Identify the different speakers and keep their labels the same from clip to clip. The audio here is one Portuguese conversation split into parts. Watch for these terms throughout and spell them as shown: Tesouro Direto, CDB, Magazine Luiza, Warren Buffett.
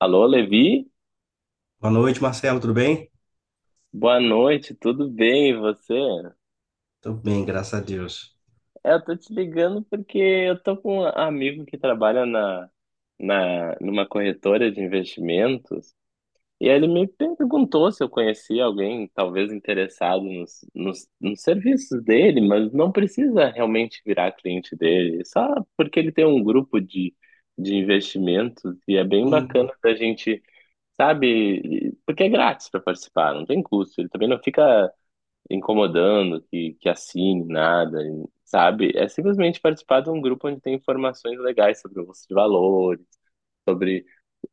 Speaker 1: Alô, Levi?
Speaker 2: Boa noite, Marcelo, tudo bem?
Speaker 1: Boa noite, tudo bem, e você?
Speaker 2: Tudo bem, graças a Deus.
Speaker 1: Eu tô te ligando porque eu tô com um amigo que trabalha numa corretora de investimentos e ele me perguntou se eu conhecia alguém talvez interessado nos serviços dele, mas não precisa realmente virar cliente dele, só porque ele tem um grupo de investimentos e é bem bacana
Speaker 2: Hum,
Speaker 1: da gente. Sabe? Porque é grátis para participar, não tem custo. Ele também não fica incomodando que assine nada, sabe? É simplesmente participar de um grupo onde tem informações legais sobre bolsa de valores, sobre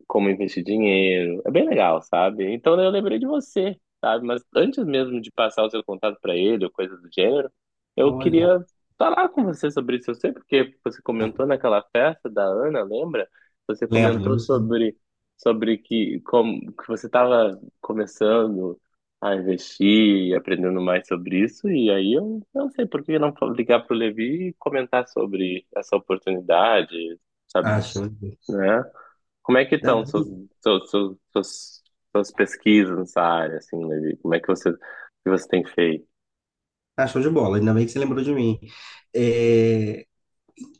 Speaker 1: como investir dinheiro. É bem legal, sabe? Então eu lembrei de você, sabe? Mas antes mesmo de passar o seu contato para ele ou coisa do gênero, eu
Speaker 2: olha,
Speaker 1: queria falar com você sobre isso. Eu sei porque você comentou naquela festa da Ana, lembra? Você
Speaker 2: lembro,
Speaker 1: comentou
Speaker 2: lembro sim.
Speaker 1: sobre que como que você estava começando a investir e aprendendo mais sobre isso e aí eu não sei por que não ligar para o Levi e comentar sobre essa oportunidade, sabe,
Speaker 2: Ah, show de bola.
Speaker 1: né? Como é que
Speaker 2: Ainda
Speaker 1: estão
Speaker 2: bem-
Speaker 1: suas, suas, suas- suas pesquisas nessa área, assim, Levi? Como é que que você tem feito?
Speaker 2: Ah, show de bola, ainda bem que você lembrou de mim. É,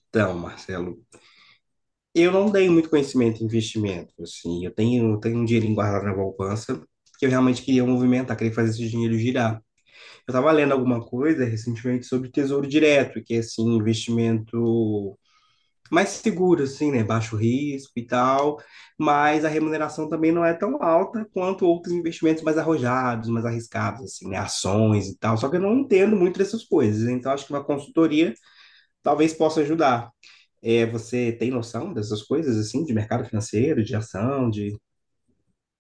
Speaker 2: Então, Marcelo, eu não tenho muito conhecimento em investimento, assim, eu tenho um dinheirinho guardado na poupança, porque eu realmente queria movimentar, queria fazer esse dinheiro girar. Eu estava lendo alguma coisa recentemente sobre Tesouro Direto, que é, assim, investimento mais seguro, assim, né? Baixo risco e tal, mas a remuneração também não é tão alta quanto outros investimentos mais arrojados, mais arriscados, assim, né? Ações e tal. Só que eu não entendo muito dessas coisas, então acho que uma consultoria talvez possa ajudar. É, você tem noção dessas coisas, assim, de mercado financeiro, de ação, de.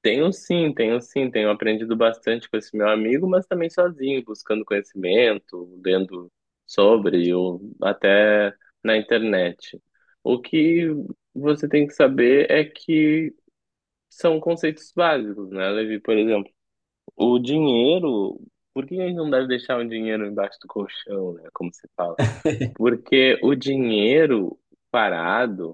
Speaker 1: Tenho sim, tenho sim, tenho aprendido bastante com esse meu amigo, mas também sozinho, buscando conhecimento, lendo sobre, ou até na internet. O que você tem que saber é que são conceitos básicos, né, Levi? Por exemplo, o dinheiro, por que a gente não deve deixar o dinheiro embaixo do colchão, né, como se fala? Porque o dinheiro parado,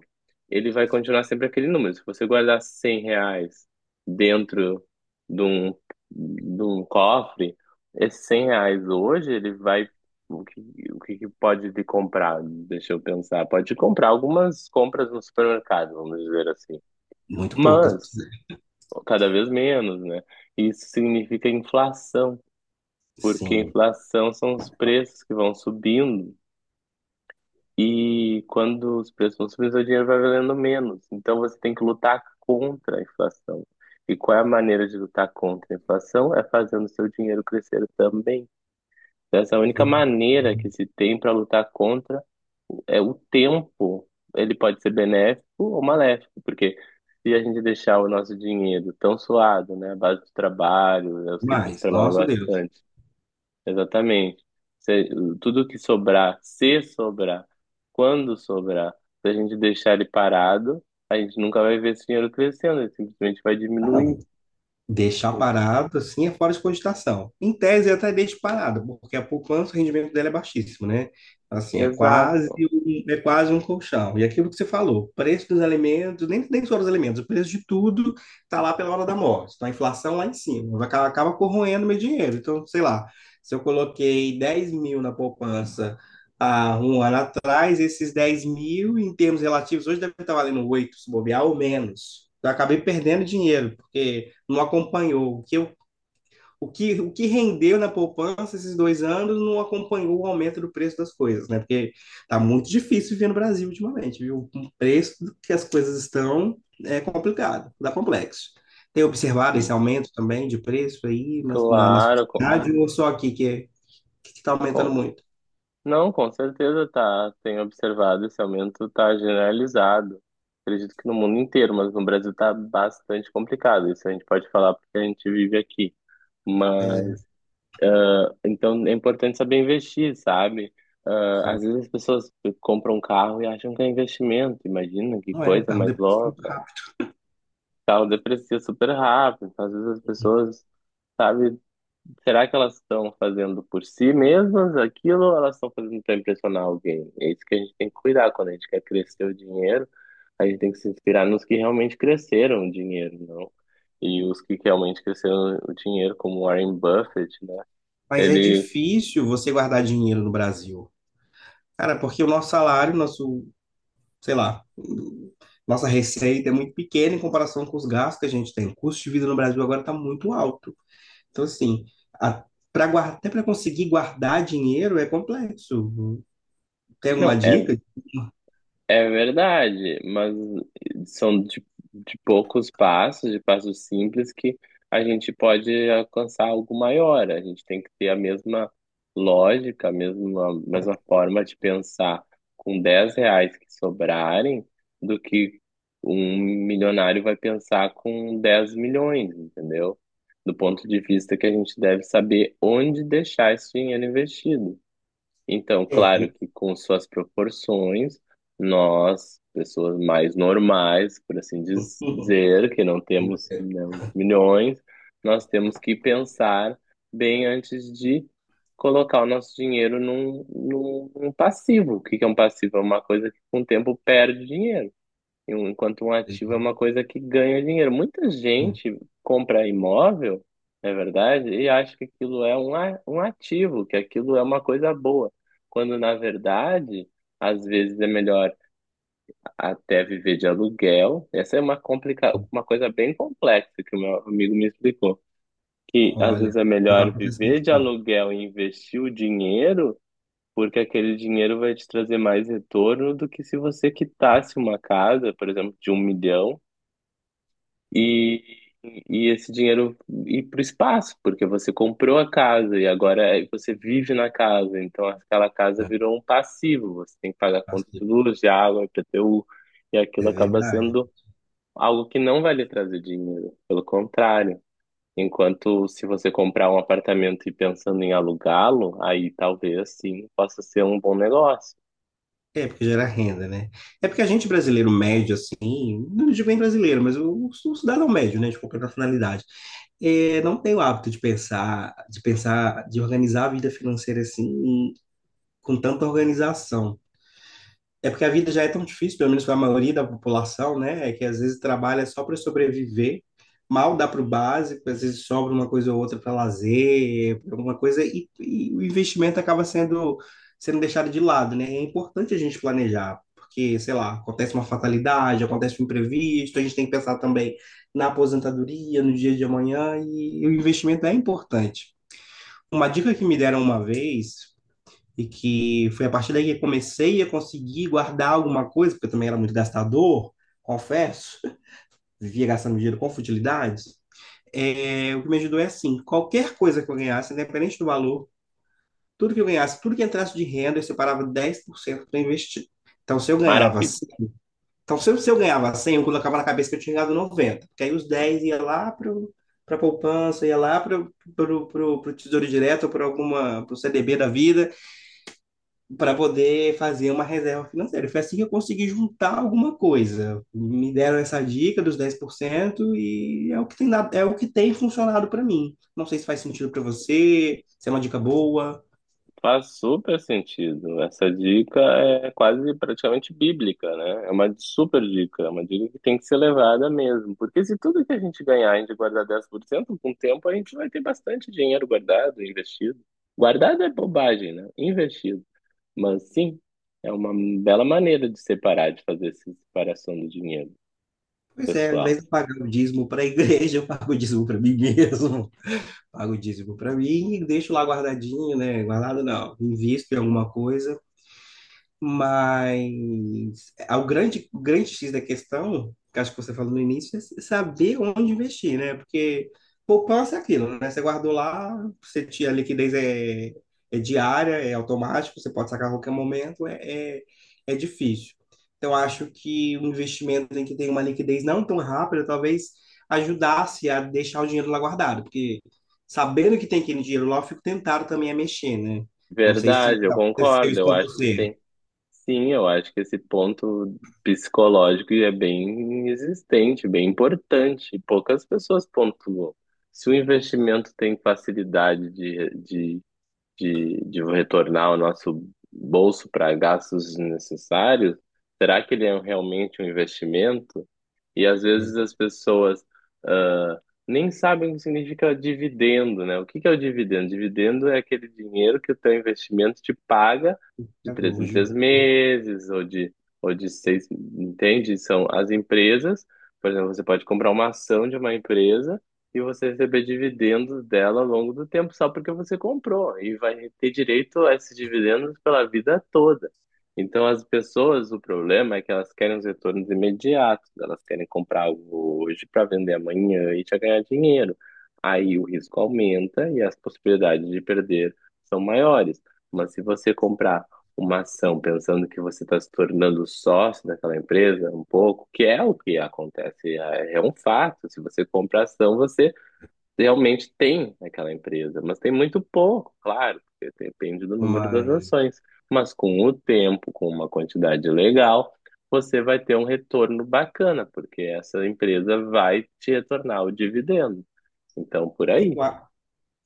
Speaker 1: ele vai continuar sempre aquele número. Se você guardar 100 reais dentro de um, de um cofre, esses 100 reais hoje, ele vai. O que, o que que pode te comprar? Deixa eu pensar. Pode te comprar algumas compras no supermercado, vamos dizer assim.
Speaker 2: Muito poucas.
Speaker 1: Mas, cada vez menos, né? Isso significa inflação, porque
Speaker 2: Sim,
Speaker 1: inflação são os preços que vão subindo. E quando os preços vão subindo, seu dinheiro vai valendo menos. Então você tem que lutar contra a inflação. E qual é a maneira de lutar contra a inflação? É fazendo seu dinheiro crescer também. Então, essa é a única
Speaker 2: foi
Speaker 1: maneira que se tem para lutar contra é o tempo. Ele pode ser benéfico ou maléfico, porque se a gente deixar o nosso dinheiro tão suado, né, à base de trabalho, eu sei que você
Speaker 2: demais.
Speaker 1: trabalha
Speaker 2: Nosso Deus.
Speaker 1: bastante. Exatamente. Se- tudo que sobrar, se sobrar, quando sobrar, se a gente deixar ele parado, a gente nunca vai ver esse dinheiro crescendo, ele simplesmente vai
Speaker 2: Ah,
Speaker 1: diminuir.
Speaker 2: não, deixar parado, assim, é fora de cogitação. Em tese, eu até deixo parado, porque a poupança, o rendimento dela é baixíssimo, né? Assim, é quase
Speaker 1: Exato.
Speaker 2: um, é quase um colchão. E aquilo que você falou, preço dos alimentos, nem só dos alimentos, o preço de tudo está lá pela hora da morte. Então, a inflação lá em cima, acaba corroendo meu dinheiro. Então, sei lá, se eu coloquei 10 mil na poupança há um ano atrás, esses 10 mil, em termos relativos, hoje deve estar valendo 8 se bobear, ou menos. Eu acabei perdendo dinheiro, porque não acompanhou. O que rendeu na poupança esses 2 anos não acompanhou o aumento do preço das coisas, né? Porque tá muito difícil viver no Brasil ultimamente, viu? O preço que as coisas estão é complicado, dá complexo. Tem observado esse
Speaker 1: Sim.
Speaker 2: aumento também de preço aí na
Speaker 1: Claro,
Speaker 2: sociedade ou só aqui que está aumentando
Speaker 1: com-
Speaker 2: muito?
Speaker 1: não, com certeza tá. Tenho observado esse aumento tá generalizado. Acredito que no mundo inteiro, mas no Brasil tá bastante complicado. Isso a gente pode falar porque a gente vive aqui.
Speaker 2: Pois é.
Speaker 1: Então é importante saber investir, sabe? Ah, às
Speaker 2: Sim.
Speaker 1: vezes as pessoas compram um carro e acham que é investimento, imagina que
Speaker 2: Não é,
Speaker 1: coisa
Speaker 2: carro
Speaker 1: mais
Speaker 2: deprecia muito
Speaker 1: louca.
Speaker 2: rápido.
Speaker 1: O carro deprecia super rápido, então, às vezes as pessoas, sabe, será que elas estão fazendo por si mesmas aquilo ou elas estão fazendo para impressionar alguém? É isso que a gente tem que cuidar quando a gente quer crescer o dinheiro, a gente tem que se inspirar nos que realmente cresceram o dinheiro, não? E os que realmente cresceram o dinheiro, como Warren Buffett, né?
Speaker 2: Mas é
Speaker 1: Ele.
Speaker 2: difícil você guardar dinheiro no Brasil. Cara, porque o nosso salário, nosso, sei lá, nossa receita é muito pequena em comparação com os gastos que a gente tem. O custo de vida no Brasil agora está muito alto. Então, assim, a, pra guardar, até para conseguir guardar dinheiro é complexo. Tem alguma
Speaker 1: Não, é
Speaker 2: dica?
Speaker 1: É verdade, mas são de poucos passos, de passos simples, que a gente pode alcançar algo maior. A gente tem que ter a mesma lógica, mesma forma de pensar com 10 reais que sobrarem do que um milionário vai pensar com 10 milhões, entendeu? Do ponto de vista que a gente deve saber onde deixar esse dinheiro investido. Então,
Speaker 2: É,
Speaker 1: claro que com suas proporções, nós, pessoas mais normais, por assim dizer, que não temos, né, os milhões, nós temos que pensar bem antes de colocar o nosso dinheiro num passivo. O que que é um passivo? É uma coisa que com o tempo perde dinheiro. Enquanto um ativo é uma coisa que ganha dinheiro. Muita gente compra imóvel, não é verdade, e acha que aquilo é um ativo, que aquilo é uma coisa boa. Quando, na verdade, às vezes é melhor até viver de aluguel. Essa é uma coisa bem complexa que o meu amigo me explicou. Que às vezes
Speaker 2: olha,
Speaker 1: é
Speaker 2: eu
Speaker 1: melhor
Speaker 2: falo para
Speaker 1: viver
Speaker 2: pessoas,
Speaker 1: de
Speaker 2: ó,
Speaker 1: aluguel e investir o dinheiro, porque aquele dinheiro vai te trazer mais retorno do que se você quitasse uma casa, por exemplo, de um milhão e, e esse dinheiro ir para o espaço, porque você comprou a casa e agora você vive na casa, então aquela casa virou um passivo, você tem que pagar conta de luz, de água, IPTU, e aquilo
Speaker 2: é
Speaker 1: acaba
Speaker 2: verdade.
Speaker 1: sendo algo que não vai lhe trazer dinheiro, pelo contrário. Enquanto se você comprar um apartamento e pensando em alugá-lo, aí talvez sim possa ser um bom negócio.
Speaker 2: É, porque gera renda, né? É porque a gente brasileiro médio, assim, não digo bem brasileiro, mas o cidadão médio, né, de qualquer nacionalidade, é, não tem o hábito de pensar, de organizar a vida financeira assim, com tanta organização. É porque a vida já é tão difícil, pelo menos para a maioria da população, né? É que às vezes trabalha só para sobreviver, mal dá para o básico, às vezes sobra uma coisa ou outra para lazer, pra alguma coisa, e o investimento sendo deixado de lado, né? É importante a gente planejar, porque, sei lá, acontece uma fatalidade, acontece um imprevisto, a gente tem que pensar também na aposentadoria, no dia de amanhã, e o investimento é importante. Uma dica que me deram uma vez e que foi a partir daí que eu comecei a conseguir guardar alguma coisa, porque eu também era muito gastador, confesso, vivia gastando dinheiro com futilidades. É, o que me ajudou é assim: qualquer coisa que eu ganhasse, independente do valor, tudo que eu ganhasse, tudo que entrasse de renda, eu separava 10% para investir. Então, se eu ganhava,
Speaker 1: Maravilha.
Speaker 2: cem, então se eu ganhava 100, eu colocava na cabeça que eu tinha ganhado 90 porque aí os 10 ia lá para poupança, ia lá para o Tesouro Direto ou para alguma para pro CDB da vida para poder fazer uma reserva financeira. Foi assim que eu consegui juntar alguma coisa. Me deram essa dica dos 10% e é o que tem dado, é o que tem funcionado para mim. Não sei se faz sentido para você, se é uma dica boa.
Speaker 1: Faz super sentido. Essa dica é quase praticamente bíblica, né? É uma super dica, é uma dica que tem que ser levada mesmo. Porque se tudo que a gente ganhar, a gente guardar 10% com o tempo a gente vai ter bastante dinheiro guardado, investido. Guardado é bobagem, né? Investido. Mas sim, é uma bela maneira de separar, de fazer essa separação do dinheiro
Speaker 2: Pois é, ao invés
Speaker 1: pessoal.
Speaker 2: de eu pagar o dízimo para a igreja, eu pago o dízimo para mim mesmo. Pago o dízimo para mim e deixo lá guardadinho, né? Guardado não. Invisto em alguma coisa. O grande X da questão, que acho que você falou no início, é saber onde investir, né? Porque poupança é aquilo, né? Você guardou lá, você tinha a liquidez é diária, é automático, você pode sacar a qualquer momento, é difícil. Então, acho que um investimento em que tem uma liquidez não tão rápida, talvez ajudasse a deixar o dinheiro lá guardado, porque sabendo que tem aquele dinheiro lá, eu fico tentado também a mexer, né? Não sei se
Speaker 1: Verdade, eu
Speaker 2: aconteceu
Speaker 1: concordo.
Speaker 2: isso
Speaker 1: Eu
Speaker 2: com
Speaker 1: acho que
Speaker 2: você.
Speaker 1: tem. Sim, eu acho que esse ponto psicológico é bem existente, bem importante. E poucas pessoas pontuam. Se o investimento tem facilidade de retornar o nosso bolso para gastos desnecessários, será que ele é um, realmente um investimento? E às
Speaker 2: Pois
Speaker 1: vezes as pessoas ah, nem sabem o que significa dividendo, né? O que que é o dividendo? Dividendo é aquele dinheiro que o teu investimento te paga de três em três
Speaker 2: Hoje,
Speaker 1: meses ou de seis, entende? São as empresas, por exemplo, você pode comprar uma ação de uma empresa e você receber dividendos dela ao longo do tempo só porque você comprou e vai ter direito a esses dividendos pela vida toda. Então, as pessoas, o problema é que elas querem os retornos imediatos, elas querem comprar algo hoje para vender amanhã e já ganhar dinheiro. Aí o risco aumenta e as possibilidades de perder são maiores. Mas se você comprar uma ação pensando que você está se tornando sócio daquela empresa, um pouco, que é o que acontece, é um fato. Se você compra ação, você realmente tem naquela empresa, mas tem muito pouco, claro, porque depende do número das
Speaker 2: mas
Speaker 1: ações. Mas com o tempo, com uma quantidade legal, você vai ter um retorno bacana, porque essa empresa vai te retornar o dividendo. Então, por aí.
Speaker 2: eu, a-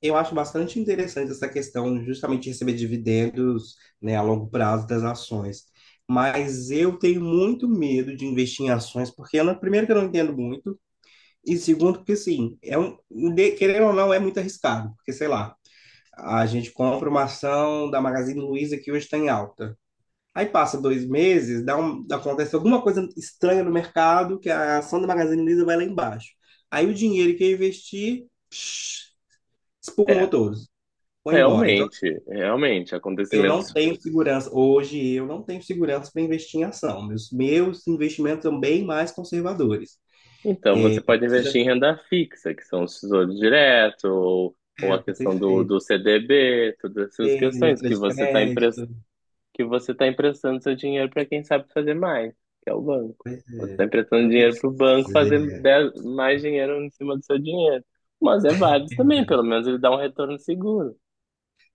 Speaker 2: eu acho bastante interessante essa questão justamente de receber dividendos, né, a longo prazo das ações. Mas eu tenho muito medo de investir em ações, porque eu não- primeiro que eu não entendo muito, e segundo que assim, querendo ou não, é muito arriscado, porque sei lá, a gente compra uma ação da Magazine Luiza que hoje está em alta. Aí passa 2 meses, acontece alguma coisa estranha no mercado, que a ação da Magazine Luiza vai lá embaixo. Aí o dinheiro que eu investi, psh, espumou
Speaker 1: É,
Speaker 2: todos, foi embora. Então, assim,
Speaker 1: realmente, realmente,
Speaker 2: eu não
Speaker 1: acontecimentos.
Speaker 2: tenho segurança, hoje eu não tenho segurança para investir em ação. Meus investimentos são bem mais conservadores.
Speaker 1: Então, você pode investir em
Speaker 2: Seja
Speaker 1: renda fixa, que são os tesouros diretos, ou a
Speaker 2: tempo, ter
Speaker 1: questão
Speaker 2: feito,
Speaker 1: do CDB, todas essas
Speaker 2: ter
Speaker 1: questões
Speaker 2: letra de crédito,
Speaker 1: que você está emprestando seu dinheiro para quem sabe fazer mais, que é o banco. Você está emprestando dinheiro
Speaker 2: pois
Speaker 1: para o banco fazer mais dinheiro em cima do seu dinheiro. Mas é válido também,
Speaker 2: é,
Speaker 1: pelo menos ele dá um retorno seguro.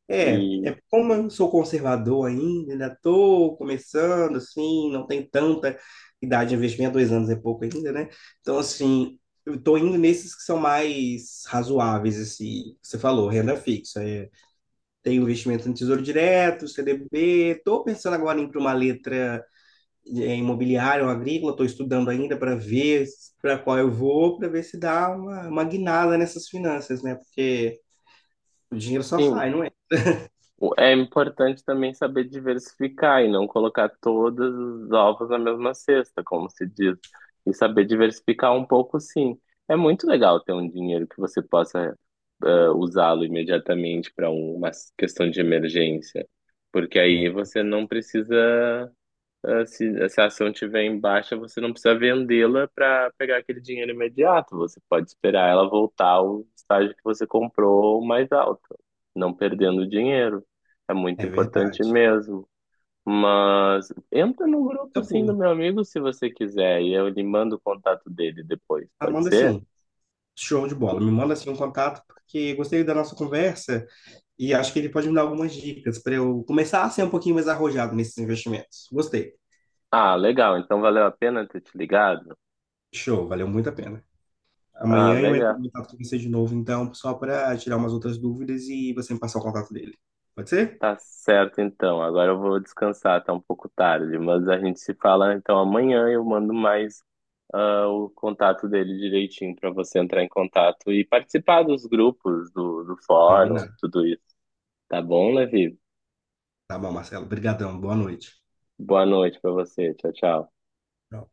Speaker 2: é,
Speaker 1: E,
Speaker 2: é como eu sou conservador ainda, ainda estou começando, assim, não tem tanta idade de investimento, 2 anos é pouco ainda, né? Então, assim, eu estou indo nesses que são mais razoáveis, assim, que você falou, renda fixa. É, tem investimento no Tesouro Direto, CDB, estou pensando agora em ir para uma letra é, imobiliária ou agrícola, estou estudando ainda para ver para qual eu vou, para ver se dá uma guinada nessas finanças, né? Porque o dinheiro só
Speaker 1: sim,
Speaker 2: sai, não é?
Speaker 1: É importante também saber diversificar e não colocar todos os ovos na mesma cesta, como se diz. E saber diversificar um pouco, sim. É muito legal ter um dinheiro que você possa usá-lo imediatamente para uma questão de emergência, porque aí você não precisa. Ah, se a ação tiver em baixa, você não precisa vendê-la para pegar aquele dinheiro imediato. Você pode esperar ela voltar ao estágio que você comprou mais alto, não perdendo dinheiro. É muito
Speaker 2: É
Speaker 1: importante
Speaker 2: verdade.
Speaker 1: mesmo. Mas entra no grupo sim do
Speaker 2: Acabou.
Speaker 1: meu amigo se você quiser e eu lhe mando o contato dele depois, pode
Speaker 2: Amanda,
Speaker 1: ser?
Speaker 2: assim, show de bola. Me manda, assim, um contato, porque gostei da nossa conversa e acho que ele pode me dar algumas dicas para eu começar a ser um pouquinho mais arrojado nesses investimentos. Gostei.
Speaker 1: Ah, legal. Então valeu a pena ter te ligado?
Speaker 2: Show, valeu muito a pena.
Speaker 1: Ah,
Speaker 2: Amanhã eu entro
Speaker 1: legal.
Speaker 2: em contato com você de novo, então, só para tirar umas outras dúvidas e você me passar o contato dele. Pode ser?
Speaker 1: Tá certo, então. Agora eu vou descansar, tá um pouco tarde, mas a gente se fala então amanhã. Eu mando mais o contato dele direitinho para você entrar em contato e participar dos grupos, do fórum,
Speaker 2: Combinado.
Speaker 1: tudo isso. Tá bom, Levi?
Speaker 2: Tá bom, Marcelo. Obrigadão. Boa noite.
Speaker 1: Boa noite para você. Tchau, tchau.
Speaker 2: Tchau.